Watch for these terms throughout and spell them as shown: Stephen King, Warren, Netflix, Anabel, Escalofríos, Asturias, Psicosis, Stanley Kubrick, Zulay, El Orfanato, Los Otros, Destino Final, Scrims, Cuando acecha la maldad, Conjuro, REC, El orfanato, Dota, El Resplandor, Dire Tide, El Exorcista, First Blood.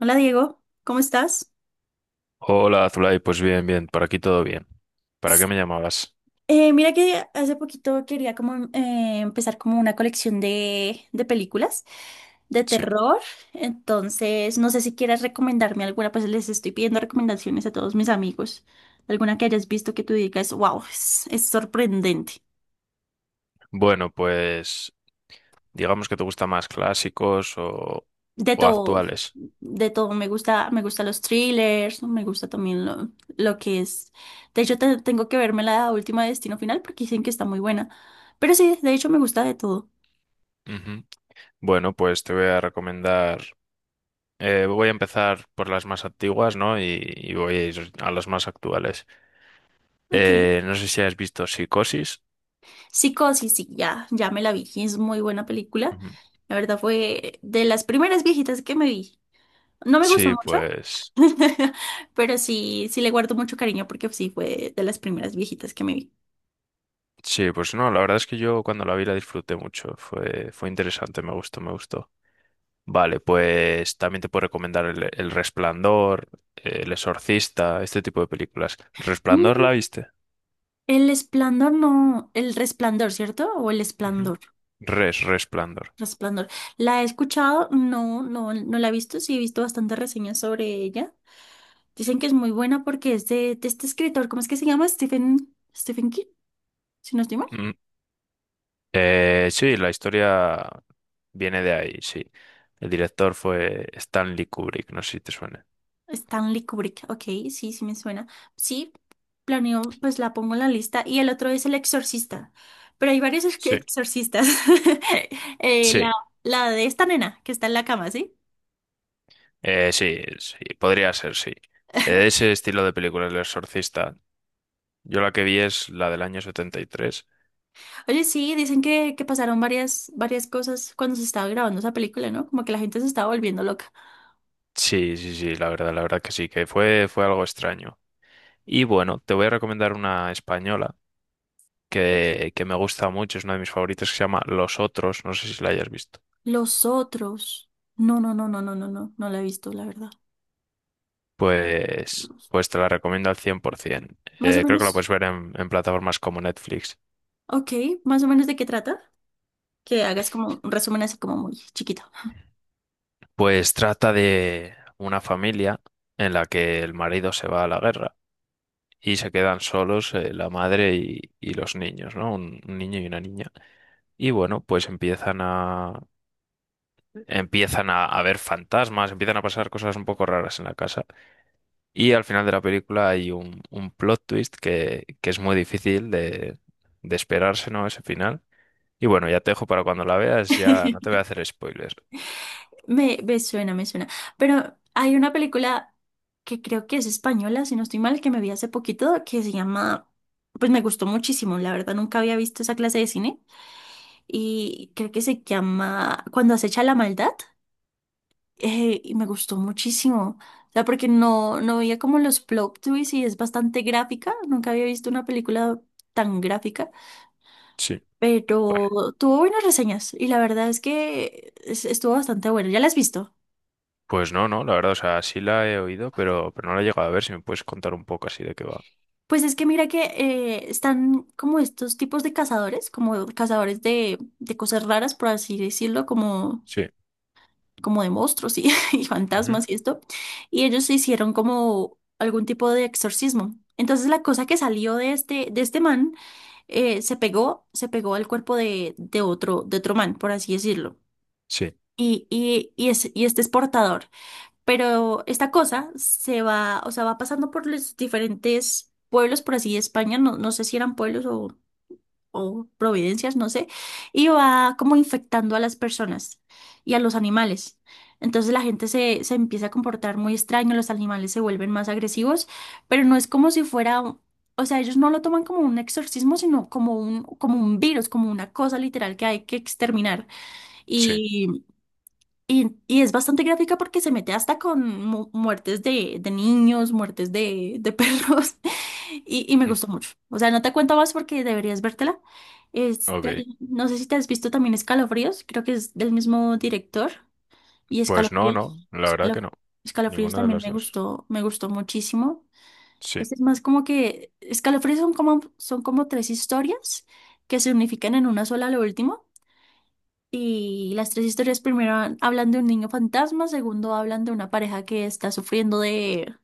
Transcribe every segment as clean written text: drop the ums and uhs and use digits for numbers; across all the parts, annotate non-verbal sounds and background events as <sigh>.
Hola Diego, ¿cómo estás? Hola, Zulay, pues bien, por aquí todo bien. ¿Para S- qué me llamabas? mira que hace poquito quería como empezar como una colección de películas de Sí. terror. Entonces no sé si quieras recomendarme alguna, pues les estoy pidiendo recomendaciones a todos mis amigos, alguna que hayas visto que tú digas, wow, es sorprendente. Bueno, pues digamos que te gustan más clásicos o, De o todo, actuales. de todo. Me gustan los thrillers, me gusta también lo que es. De hecho, tengo que verme la última de Destino Final porque dicen que está muy buena. Pero sí, de hecho, me gusta de todo. Ujú. Bueno, pues te voy a recomendar, voy a empezar por las más antiguas, ¿no? Y voy a ir a las más actuales. Ok. No sé si has visto Psicosis. Psicosis, sí, ya me la vi. Es muy buena película. Ujú. La verdad fue de las primeras viejitas que me vi. No me gustó Sí, mucho, pues, <laughs> pero sí, le guardo mucho cariño porque sí fue de las primeras viejitas que me vi. sí, pues no, la verdad es que yo cuando la vi la disfruté mucho, fue interesante, me gustó. Vale, pues también te puedo recomendar El Resplandor, El Exorcista, este tipo de películas. ¿El Resplandor Mm, la viste? El esplendor, no, el resplandor, ¿cierto? O el Ujú. esplendor. Resplandor. Resplandor. La he escuchado, no, no, no la he visto, sí he visto bastantes reseñas sobre ella. Dicen que es muy buena porque es de este escritor, ¿cómo es que se llama? Stephen King, si no estoy mal. Mm, sí, la historia viene de ahí, sí. El director fue Stanley Kubrick, no sé si te suena. Stanley Kubrick, ok, sí me suena. Sí, planeo, pues la pongo en la lista. Y el otro es El Exorcista, pero hay varios Sí. exorcistas. <laughs> Eh, Sí, la, la de esta nena que está en la cama, ¿sí? Sí, sí, podría ser, sí. Ese estilo de película, El Exorcista. Yo la que vi es la del año setenta y tres. Oye, sí, dicen que pasaron varias, varias cosas cuando se estaba grabando esa película, ¿no? Como que la gente se estaba volviendo loca. Sí, la verdad que sí, que fue, fue algo extraño. Y bueno, te voy a recomendar una española que me gusta mucho, es una de mis favoritas que se llama Los Otros, no sé si la hayas visto. Los otros. No, no, no, no, no, no, no, no la he visto, la verdad. Pues, pues te la recomiendo al 100%. Más o Creo que la menos, puedes ver en plataformas como Netflix. ok, más o menos de qué trata. Que hagas como un resumen así como muy chiquito. Pues trata de una familia en la que el marido se va a la guerra y se quedan solos la madre y los niños, ¿no? Un niño y una niña. Y bueno, pues a ver fantasmas, empiezan a pasar cosas un poco raras en la casa. Y al final de la película hay un plot twist que es muy difícil de esperarse, ¿no? Ese final. Y bueno, ya te dejo para cuando la veas, ya no te voy a <laughs> hacer spoilers. Me suena, me suena. Pero hay una película que creo que es española, si no estoy mal, que me vi hace poquito, que se llama, pues me gustó muchísimo, la verdad, nunca había visto esa clase de cine. Y creo que se llama Cuando acecha la maldad. Y me gustó muchísimo. O sea, porque no veía como los plot twists y es bastante gráfica. Nunca había visto una película tan gráfica, Sí. Vale. pero tuvo buenas reseñas y la verdad es que estuvo bastante bueno. ¿Ya la has visto? Pues no, no, la verdad, o sea, sí la he oído, pero no la he llegado a ver. Si me puedes contar un poco así de qué va. Pues es que mira que están como estos tipos de cazadores, como cazadores de cosas raras, por así decirlo, como Sí, como de monstruos y, <laughs> y Ujú. fantasmas y esto, y ellos hicieron como algún tipo de exorcismo. Entonces la cosa que salió de este man se pegó al cuerpo de otro, de otro man, por así decirlo. Sí, Y este es portador. Pero esta cosa se va, o sea, va pasando por los diferentes pueblos, por así de España, no sé si eran pueblos o providencias, no sé, y va como infectando a las personas y a los animales. Entonces la gente se empieza a comportar muy extraño, los animales se vuelven más agresivos, pero no es como si fuera, o sea, ellos no lo toman como un exorcismo, sino como un virus, como una cosa literal que hay que exterminar. Sí. Y es bastante gráfica porque se mete hasta con muertes de niños, muertes de perros. <laughs> Y me Mm, gustó mucho. O sea, no te cuento más porque deberías vértela. Este, Ok. no sé si te has visto también Escalofríos. Creo que es del mismo director. Y Pues no, Escalofríos, no, la verdad que Escalo- no. Escalofríos Ninguna de también las dos. Me gustó muchísimo. Sí. Este es más como que Escalofríos son como tres historias que se unifican en una sola a lo último. Y las tres historias primero hablan de un niño fantasma, segundo hablan de una pareja que está sufriendo de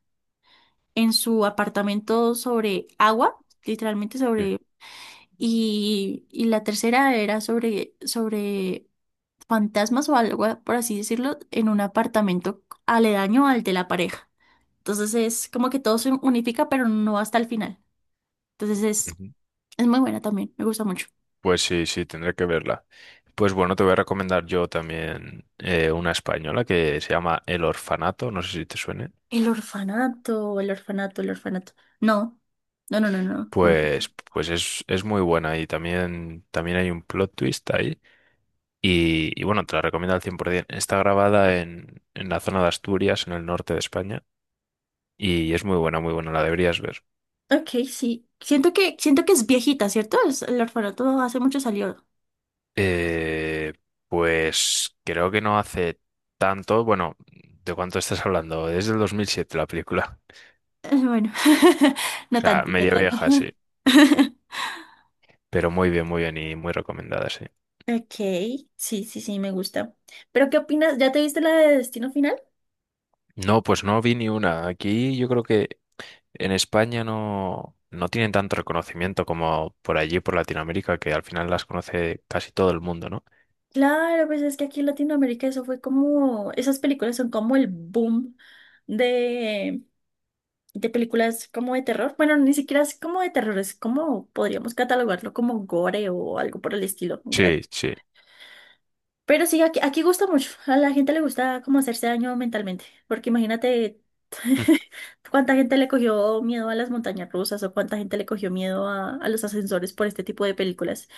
en su apartamento sobre agua, literalmente sí. sobre y la tercera era sobre fantasmas o algo por así decirlo en un apartamento aledaño al de la pareja. Entonces es como que todo se unifica, pero no hasta el final. Entonces es Ujú. es muy buena también, me gusta mucho. Pues sí, sí, tendré que verla. Pues bueno, te voy a recomendar yo también una española que se llama El Orfanato, no sé si te suene. El orfanato, el orfanato, el orfanato. No, no, no, no, no. No. Pues, pues es muy buena y también, también hay un plot twist ahí. Y bueno, te la recomiendo al 100%. Está grabada en la zona de Asturias, en el norte de España, y es muy buena, la deberías ver. Ok, sí. Siento que es viejita, ¿cierto? El orfanato hace mucho salió. Eh, pues creo que no hace tanto. Bueno, ¿de cuánto estás hablando? Desde el siete la película. Bueno, <laughs> O no sea, tanto, no media tanto. vieja, sí. <laughs> Pero muy bien y muy recomendada, sí. Ok, sí, sí, sí, me gusta. Pero ¿qué opinas? ¿Ya te viste la de Destino Final? No, pues no vi ni una. Aquí yo creo que en España no, no tienen tanto reconocimiento como por allí, por Latinoamérica, que al final las conoce casi todo el mundo, ¿no? Claro, pues es que aquí en Latinoamérica eso fue como, esas películas son como el boom de, de películas como de terror. Bueno, ni siquiera es como de terror, es como podríamos catalogarlo como gore o algo por el estilo. Sí, sí. Pero sí, aquí gusta mucho. A la gente le gusta como hacerse daño mentalmente. Porque imagínate <laughs> cuánta gente le cogió miedo a las montañas rusas o cuánta gente le cogió miedo a los ascensores por este tipo de películas.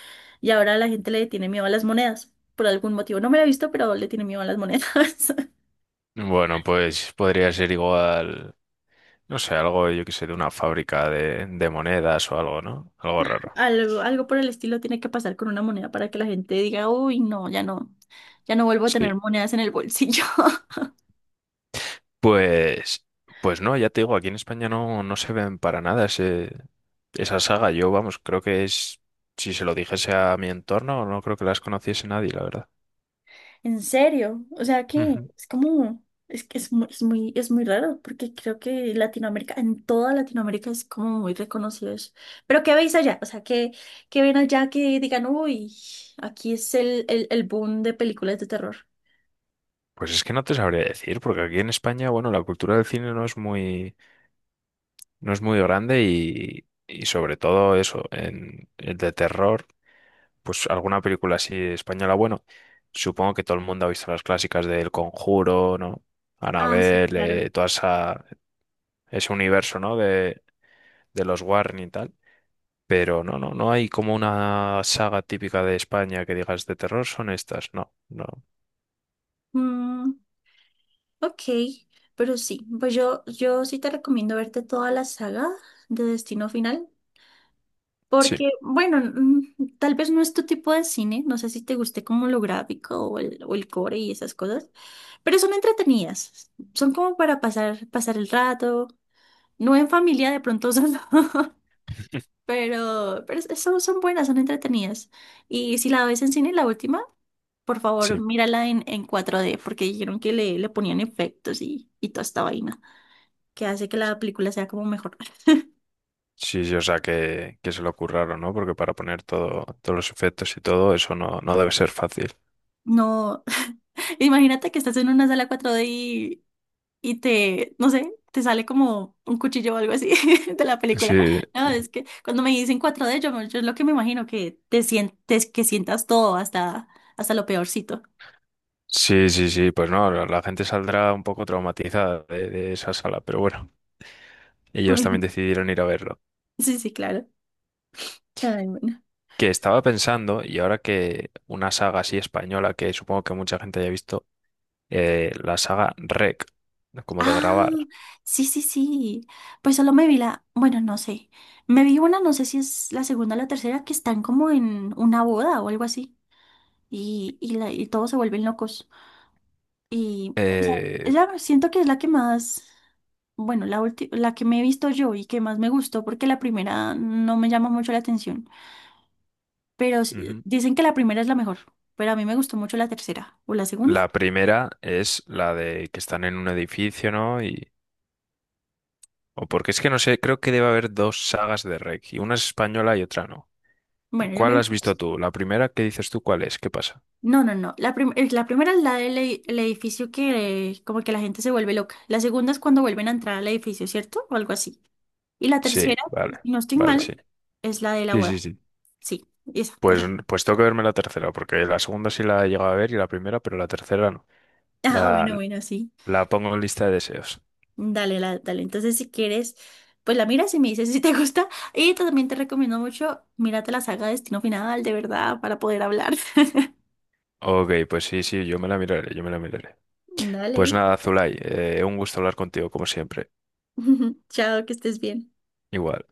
Y ahora la gente le tiene miedo a las monedas. Por algún motivo. No me lo he visto, pero le tiene miedo a las monedas. <laughs> Mm. Bueno, pues podría ser igual, no sé, algo, yo qué sé, de una fábrica de monedas o algo, ¿no? Algo raro. Algo por el estilo tiene que pasar con una moneda para que la gente diga, uy, no, ya no vuelvo a tener Sí. monedas en el bolsillo. Pues, pues no, ya te digo, aquí en España no, no se ven para nada esa saga. Yo, vamos, creo que es, si se lo dijese a mi entorno, no creo que las conociese nadie, la verdad. En serio, o sea que Ujú. es como, es que es muy raro, porque creo que Latinoamérica, en toda Latinoamérica es como muy reconocido eso. Pero ¿qué veis allá? O sea, ¿qué ven allá que digan, uy, aquí es el boom de películas de terror? Pues es que no te sabría decir, porque aquí en España, bueno, la cultura del cine no es muy, no es muy grande y sobre todo eso, en de terror, pues alguna película así española, bueno, supongo que todo el mundo ha visto las clásicas del Conjuro, ¿no? Ah, sí, claro. Anabel todas ese universo, ¿no? De los Warren y tal. Pero no, no, no hay como una saga típica de España que digas de terror, son estas. No, no. Mm, ok, pero sí, pues yo sí te recomiendo verte toda la saga de Destino Final. Sí, Porque, bueno, tal vez no es tu tipo de cine, no sé si te guste como lo gráfico o el core y esas cosas, pero son entretenidas, son como para pasar el rato, no en familia de pronto solo, <laughs> <laughs> pero son buenas, son entretenidas. Y si la ves en cine, la última, por favor, sí. mírala en 4D porque dijeron que le ponían efectos y toda esta vaina, que hace que la película sea como mejor. Sí, sí, o sea que se lo curraron, ¿no? Porque para poner todo, todos los efectos y todo, eso no, no debe ser fácil. No, <laughs> imagínate que estás en una sala 4D y te, no sé, te sale como un cuchillo o algo así <laughs> de la película. Sí, No, es que cuando me dicen 4D yo es lo que me imagino que te sientes, que sientas todo hasta lo peorcito. sí. Pues no, la gente saldrá un poco traumatizada de esa sala, pero bueno, ellos también <laughs> decidieron ir a verlo. Sí, sí, claro. Ay, bueno. Que estaba pensando, y ahora que una saga así española, que supongo que mucha gente haya visto, la saga REC, como de Ah, grabar. sí, sí, sí. Pues solo me vi la, bueno, no sé. Me vi una, no sé si es la segunda o la tercera, que están como en una boda o algo así. Y todos se vuelven locos. Y, o sea, Eh, ella siento que es la que más, bueno, la la que me he visto yo y que más me gustó, porque la primera no me llama mucho la atención. Pero ujú. dicen que la primera es la mejor, pero a mí me gustó mucho la tercera. ¿O la segunda? La primera es la de que están en un edificio, ¿no? Y, o porque es que no sé, creo que debe haber dos sagas de REC, y una es española y otra no. Bueno, yo me ¿Cuál vi. has visto tú? La primera, ¿qué dices tú? ¿Cuál es? ¿Qué pasa? No, no, no. La primera es la del el edificio que como que la gente se vuelve loca. La segunda es cuando vuelven a entrar al edificio, ¿cierto? O algo así. Y la Sí, tercera, vale, si no estoy vale, mal, sí. es la de la Sí, sí, boda. sí. Sí, esa, Pues, esa. <laughs> pues tengo que verme la tercera, porque la segunda sí la he llegado a ver y la primera, pero la tercera no. Ah, La, bueno, bueno, sí. la pongo en lista de deseos. Dale, dale. Entonces, si quieres, pues la miras y me dices si te <laughs> gusta. Y también te recomiendo mucho, mírate la saga Destino Final, de verdad, para poder hablar. <laughs> Ok, pues sí, sí, yo me la miraré, yo me la miraré. Pues Dale. nada, Zulay, un gusto hablar contigo, como siempre. <laughs> Chao, que estés bien. Igual.